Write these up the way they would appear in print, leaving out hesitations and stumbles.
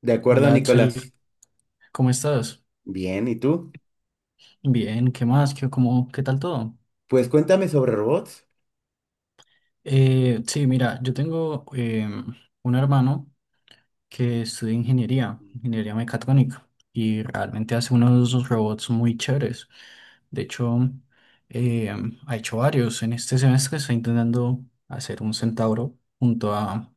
De acuerdo, Hola Nicolás. Axel, ¿cómo estás? Bien, ¿y tú? Bien, ¿qué más? ¿Qué tal todo? Pues cuéntame sobre robots. Sí, mira, yo tengo un hermano que estudié ingeniería, ingeniería mecatrónica, y realmente hace unos robots muy chéveres. De hecho, eh, ha hecho varios. En este semestre está intentando hacer un centauro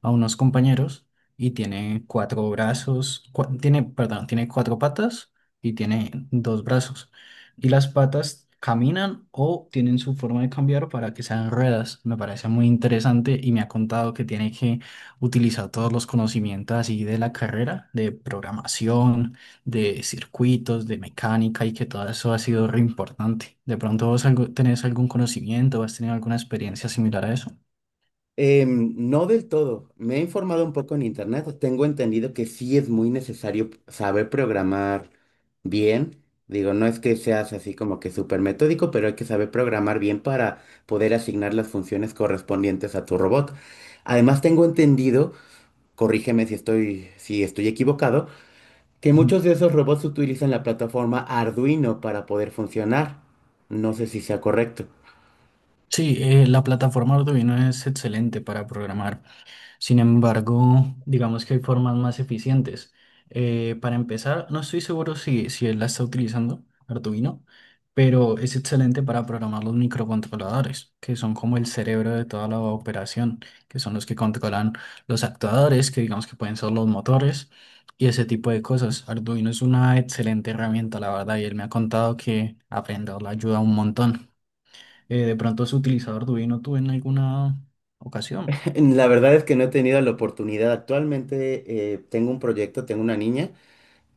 a unos compañeros y tiene cuatro brazos, tiene, perdón, tiene cuatro patas y tiene dos brazos. Y las patas caminan o tienen su forma de cambiar para que sean ruedas. Me parece muy interesante y me ha contado que tiene que utilizar todos los conocimientos así de la carrera, de programación, de circuitos, de mecánica y que todo eso ha sido re importante. ¿De pronto tenés algún conocimiento, has tenido alguna experiencia similar a eso? No del todo. Me he informado un poco en internet. Tengo entendido que sí es muy necesario saber programar bien. Digo, no es que seas así como que súper metódico, pero hay que saber programar bien para poder asignar las funciones correspondientes a tu robot. Además, tengo entendido, corrígeme si estoy equivocado, que Ujú. muchos de esos robots utilizan la plataforma Arduino para poder funcionar. No sé si sea correcto. Sí, la plataforma Arduino es excelente para programar. Sin embargo, digamos que hay formas más eficientes. Para empezar, no estoy seguro si él la está utilizando, Arduino, pero es excelente para programar los microcontroladores, que son como el cerebro de toda la operación, que son los que controlan los actuadores, que digamos que pueden ser los motores y ese tipo de cosas. Arduino es una excelente herramienta, la verdad, y él me ha contado que aprenderla ayuda un montón. De pronto, ¿has utilizado Arduino tú en alguna ocasión? La verdad es que no he tenido la oportunidad. Actualmente tengo un proyecto, tengo una niña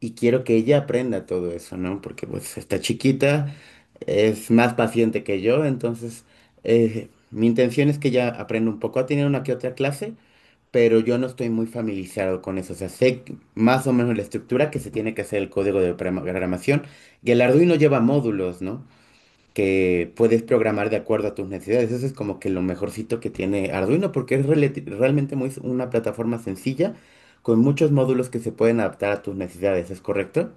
y quiero que ella aprenda todo eso, ¿no? Porque pues está chiquita, es más paciente que yo, entonces mi intención es que ella aprenda un poco. Ha tenido una que otra clase, pero yo no estoy muy familiarizado con eso. O sea, sé más o menos la estructura que se tiene que hacer el código de programación y el Arduino lleva módulos, ¿no? Que puedes programar de acuerdo a tus necesidades. Eso es como que lo mejorcito que tiene Arduino, porque es realmente muy, una plataforma sencilla con muchos módulos que se pueden adaptar a tus necesidades, ¿es correcto?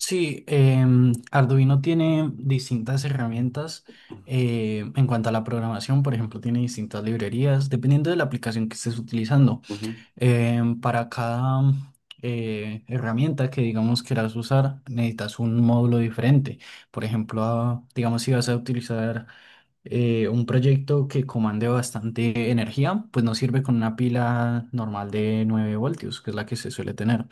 Sí, Arduino tiene distintas herramientas en cuanto a la programación, por ejemplo, tiene distintas librerías, dependiendo de la aplicación que estés utilizando. Ujú, Para cada herramienta que digamos quieras usar, necesitas un módulo diferente. Por ejemplo, digamos si vas a utilizar un proyecto que comande bastante energía, pues no sirve con una pila normal de 9 voltios, que es la que se suele tener,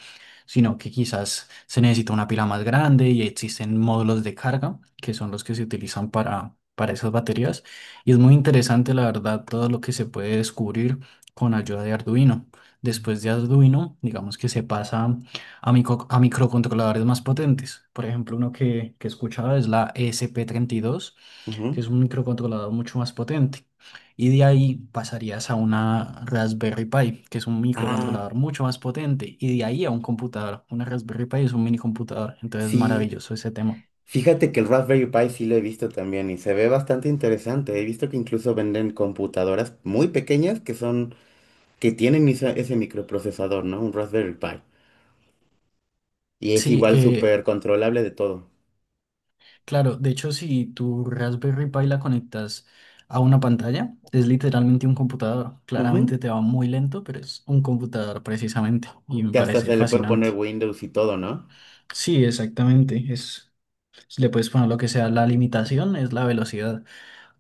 sino que quizás se necesita una pila más grande y existen módulos de carga, que son los que se utilizan para esas baterías. Y es muy interesante, la verdad, todo lo que se puede descubrir con ayuda de Arduino. Después de Arduino, digamos que se pasa a microcontroladores más potentes. Por ejemplo, que escuchaba es la esp dos ujú. que es un microcontrolador mucho más potente. Y de ahí pasarías a una Raspberry Pi, que es un Ah, microcontrolador mucho más potente. Y de ahí a un computador. Una Raspberry Pi es un mini computador. Entonces, sí. maravilloso ese tema. Fíjate que el Raspberry Pi sí lo he visto también y se ve bastante interesante. He visto que incluso venden computadoras muy pequeñas que son, que tienen ese microprocesador, ¿no? Un Raspberry Pi. Y es Sí, igual súper controlable de todo. claro. De hecho, si tu Raspberry Pi la conectas a una pantalla, es literalmente un computador. Ujú. Claramente te va muy lento, pero es un computador precisamente. Y me Que hasta parece se le puede poner fascinante. Windows y todo, ¿no? Sí, exactamente. Es, le puedes poner lo que sea. La limitación es la velocidad,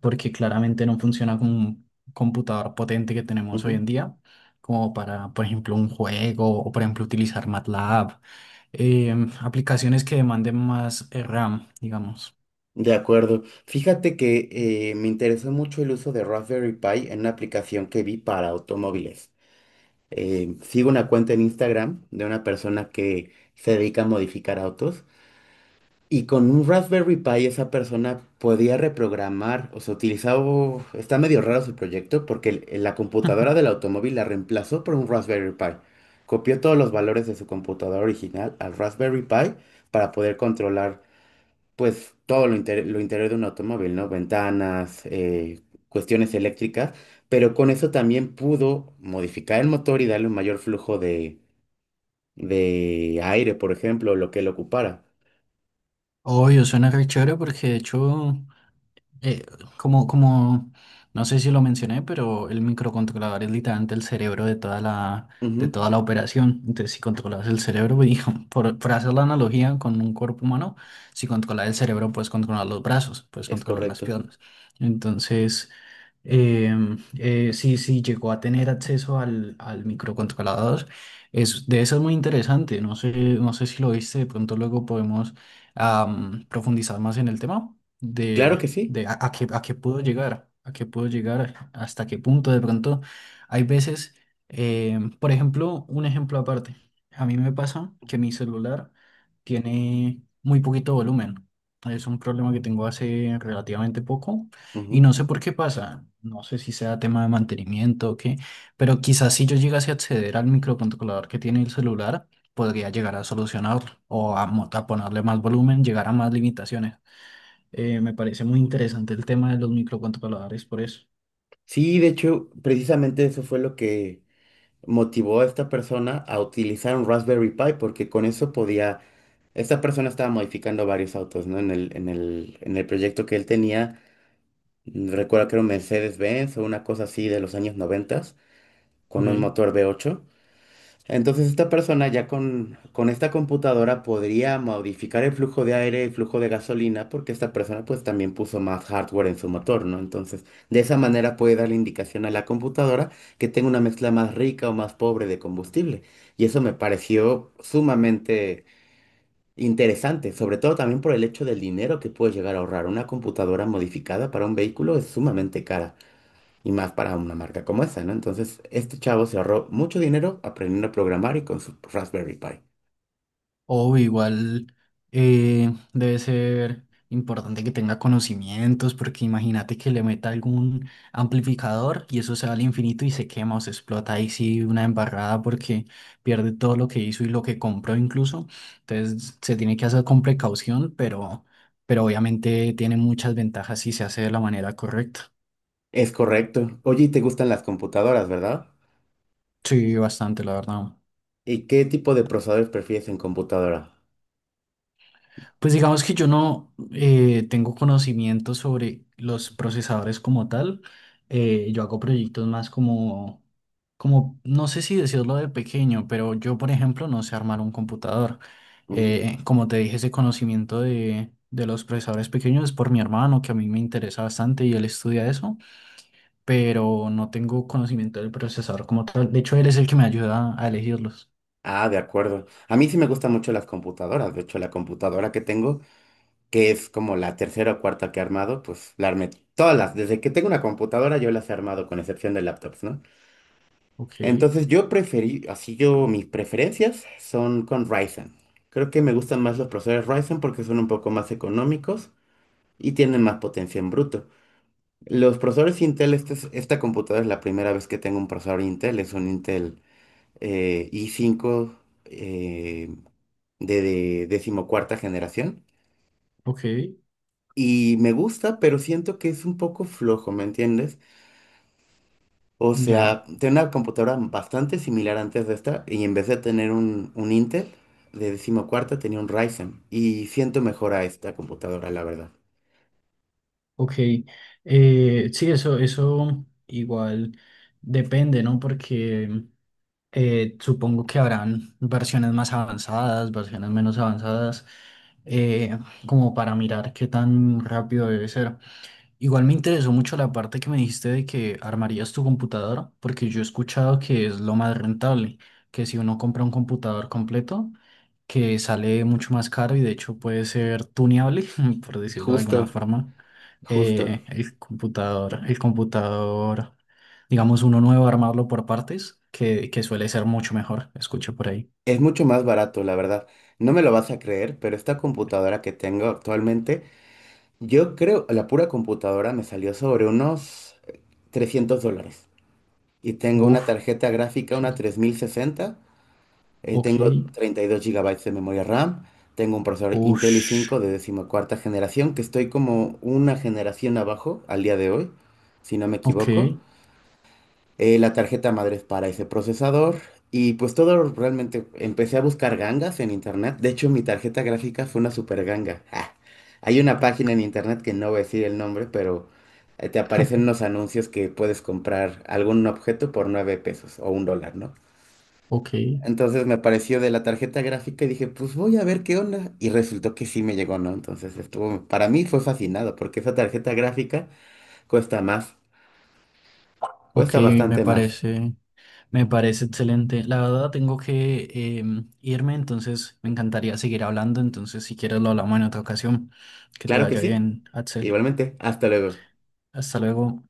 porque claramente no funciona con un computador potente que tenemos hoy Ujú. en día, como para, por ejemplo, un juego o, por ejemplo, utilizar MATLAB, aplicaciones que demanden más RAM, digamos. De acuerdo. Fíjate que me interesó mucho el uso de Raspberry Pi en una aplicación que vi para automóviles. Sigo una cuenta en Instagram de una persona que se dedica a modificar autos. Y con un Raspberry Pi esa persona podía reprogramar, o sea, utilizaba, está medio raro su proyecto porque la computadora del automóvil la reemplazó por un Raspberry Pi. Copió todos los valores de su computadora original al Raspberry Pi para poder controlar, pues, lo interior de un automóvil, ¿no? Ventanas, cuestiones eléctricas, pero con eso también pudo modificar el motor y darle un mayor flujo de aire, por ejemplo, lo que él ocupara. Obvio, suena re chévere porque de hecho Eh, como, no sé si lo mencioné, pero el microcontrolador es literalmente el cerebro de Ujú, de toda la operación. Entonces, si controlas el cerebro, pues, por hacer la analogía con un cuerpo humano, si controlas el cerebro, puedes controlar los brazos, puedes es controlar las correcto. piernas. Entonces, si llegó a tener acceso al microcontrolador, es, de eso es muy interesante. No sé, no sé si lo viste, de pronto luego podemos profundizar más en el tema. Claro de que sí. A qué, a qué puedo llegar, hasta qué punto de pronto. Hay veces, por ejemplo, un ejemplo aparte. A mí me pasa que mi celular tiene muy poquito volumen. Es un problema que tengo hace relativamente poco y Ujú. no sé por qué pasa. No sé si sea tema de mantenimiento o qué, pero quizás si yo llegase a acceder al microcontrolador que tiene el celular, podría llegar a solucionarlo a ponerle más volumen, llegar a más limitaciones. Me parece muy interesante el tema de los microcontroladores, por eso. Sí, de hecho, precisamente eso fue lo que motivó a esta persona a utilizar un Raspberry Pi, porque con eso podía, esta persona estaba modificando varios autos, ¿no? En el proyecto que él tenía, mm, recuerdo que era un Mercedes-Benz o una cosa así de los años 90 Ok. con un motor V8. Entonces esta persona ya con esta computadora podría modificar el flujo de aire, el flujo de gasolina, porque esta persona pues también puso más hardware en su motor, ¿no? Entonces de esa manera puede darle indicación a la computadora que tenga una mezcla más rica o más pobre de combustible. Y eso me pareció sumamente interesante, sobre todo también por el hecho del dinero que puede llegar a ahorrar. Una computadora modificada para un vehículo es sumamente cara y más para una marca como esa, ¿no? Entonces, este chavo se ahorró mucho dinero aprendiendo a programar y con su Raspberry Pi. O igual debe ser importante que tenga conocimientos, porque imagínate que le meta algún amplificador y eso se va al infinito y se quema o se explota ahí sí una embarrada porque pierde todo lo que hizo y lo que compró incluso. Entonces se tiene que hacer con precaución, pero obviamente tiene muchas ventajas si se hace de la manera correcta. Es correcto. Oye, y te gustan las computadoras, ¿verdad? Sí, bastante, la verdad. ¿Y qué tipo de procesadores prefieres en computadora? Pues digamos que yo no tengo conocimiento sobre los procesadores como tal. Yo hago proyectos más como, no sé si decirlo de pequeño, pero yo, por ejemplo, no sé armar un computador. Mm. Como te dije, ese conocimiento de los procesadores pequeños es por mi hermano, que a mí me interesa bastante y él estudia eso, pero no tengo conocimiento del procesador como tal. De hecho, él es el que me ayuda a elegirlos. Ah, de acuerdo. A mí sí me gustan mucho las computadoras. De hecho, la computadora que tengo, que es como la tercera o cuarta que he armado, pues la armé todas las. Desde que tengo una computadora, yo las he armado, con excepción de laptops, ¿no? Ok, Entonces yo preferí, así yo, mis preferencias son con Ryzen. Creo que me gustan más los procesadores Ryzen porque son un poco más económicos y tienen más potencia en bruto. Los procesadores Intel, esta computadora es la primera vez que tengo un procesador Intel, es un Intel i5 eh, de decimocuarta generación. ok, Y me gusta, pero siento que es un poco flojo, ¿me entiendes? O ya. sea, tenía una computadora bastante similar antes de esta y en vez de tener un Intel de decimocuarta tenía un Ryzen y siento mejor a esta computadora, la verdad. Ok, sí, eso igual depende, ¿no? Porque supongo que habrán versiones más avanzadas, versiones menos avanzadas, eh, como para mirar qué tan rápido debe ser. Igual me interesó mucho la parte que me dijiste de que armarías tu computadora, porque yo he escuchado que es lo más rentable, que si uno compra un computador completo, que sale mucho más caro y de hecho puede ser tuneable, por decirlo de alguna Justo, forma, justo. El computador, digamos uno nuevo, armarlo por partes, que suele ser mucho mejor, escuché por ahí. Es mucho más barato, la verdad. No me lo vas a creer, pero esta computadora que tengo actualmente, yo creo, la pura computadora me salió sobre unos $300. Y tengo una Uf, tarjeta ok, gráfica, una 3060. Ok, Tengo 32 gigabytes de memoria RAM, tengo un procesador Intel ush, i5 de decimocuarta generación, que estoy como una generación abajo al día de hoy, si no me ok, equivoco. La tarjeta madre es para ese procesador y pues todo realmente empecé a buscar gangas en internet. De hecho, mi tarjeta gráfica fue una super ganga. Ah, hay una página en internet que no voy a decir el nombre, pero te aparecen unos anuncios que puedes comprar algún objeto por 9 pesos o un dólar, ¿no? ok, Entonces me apareció de la tarjeta gráfica y dije, pues voy a ver qué onda. Y resultó que sí me llegó, ¿no? Entonces estuvo, para mí fue fascinado porque esa tarjeta gráfica cuesta más, ok, cuesta me bastante más. parece. Me parece excelente. La verdad, tengo que irme, entonces me encantaría seguir hablando. Entonces, si quieres, lo hablamos en otra ocasión. Que te Claro que vaya sí. bien, Axel. Igualmente, hasta luego. Hasta luego.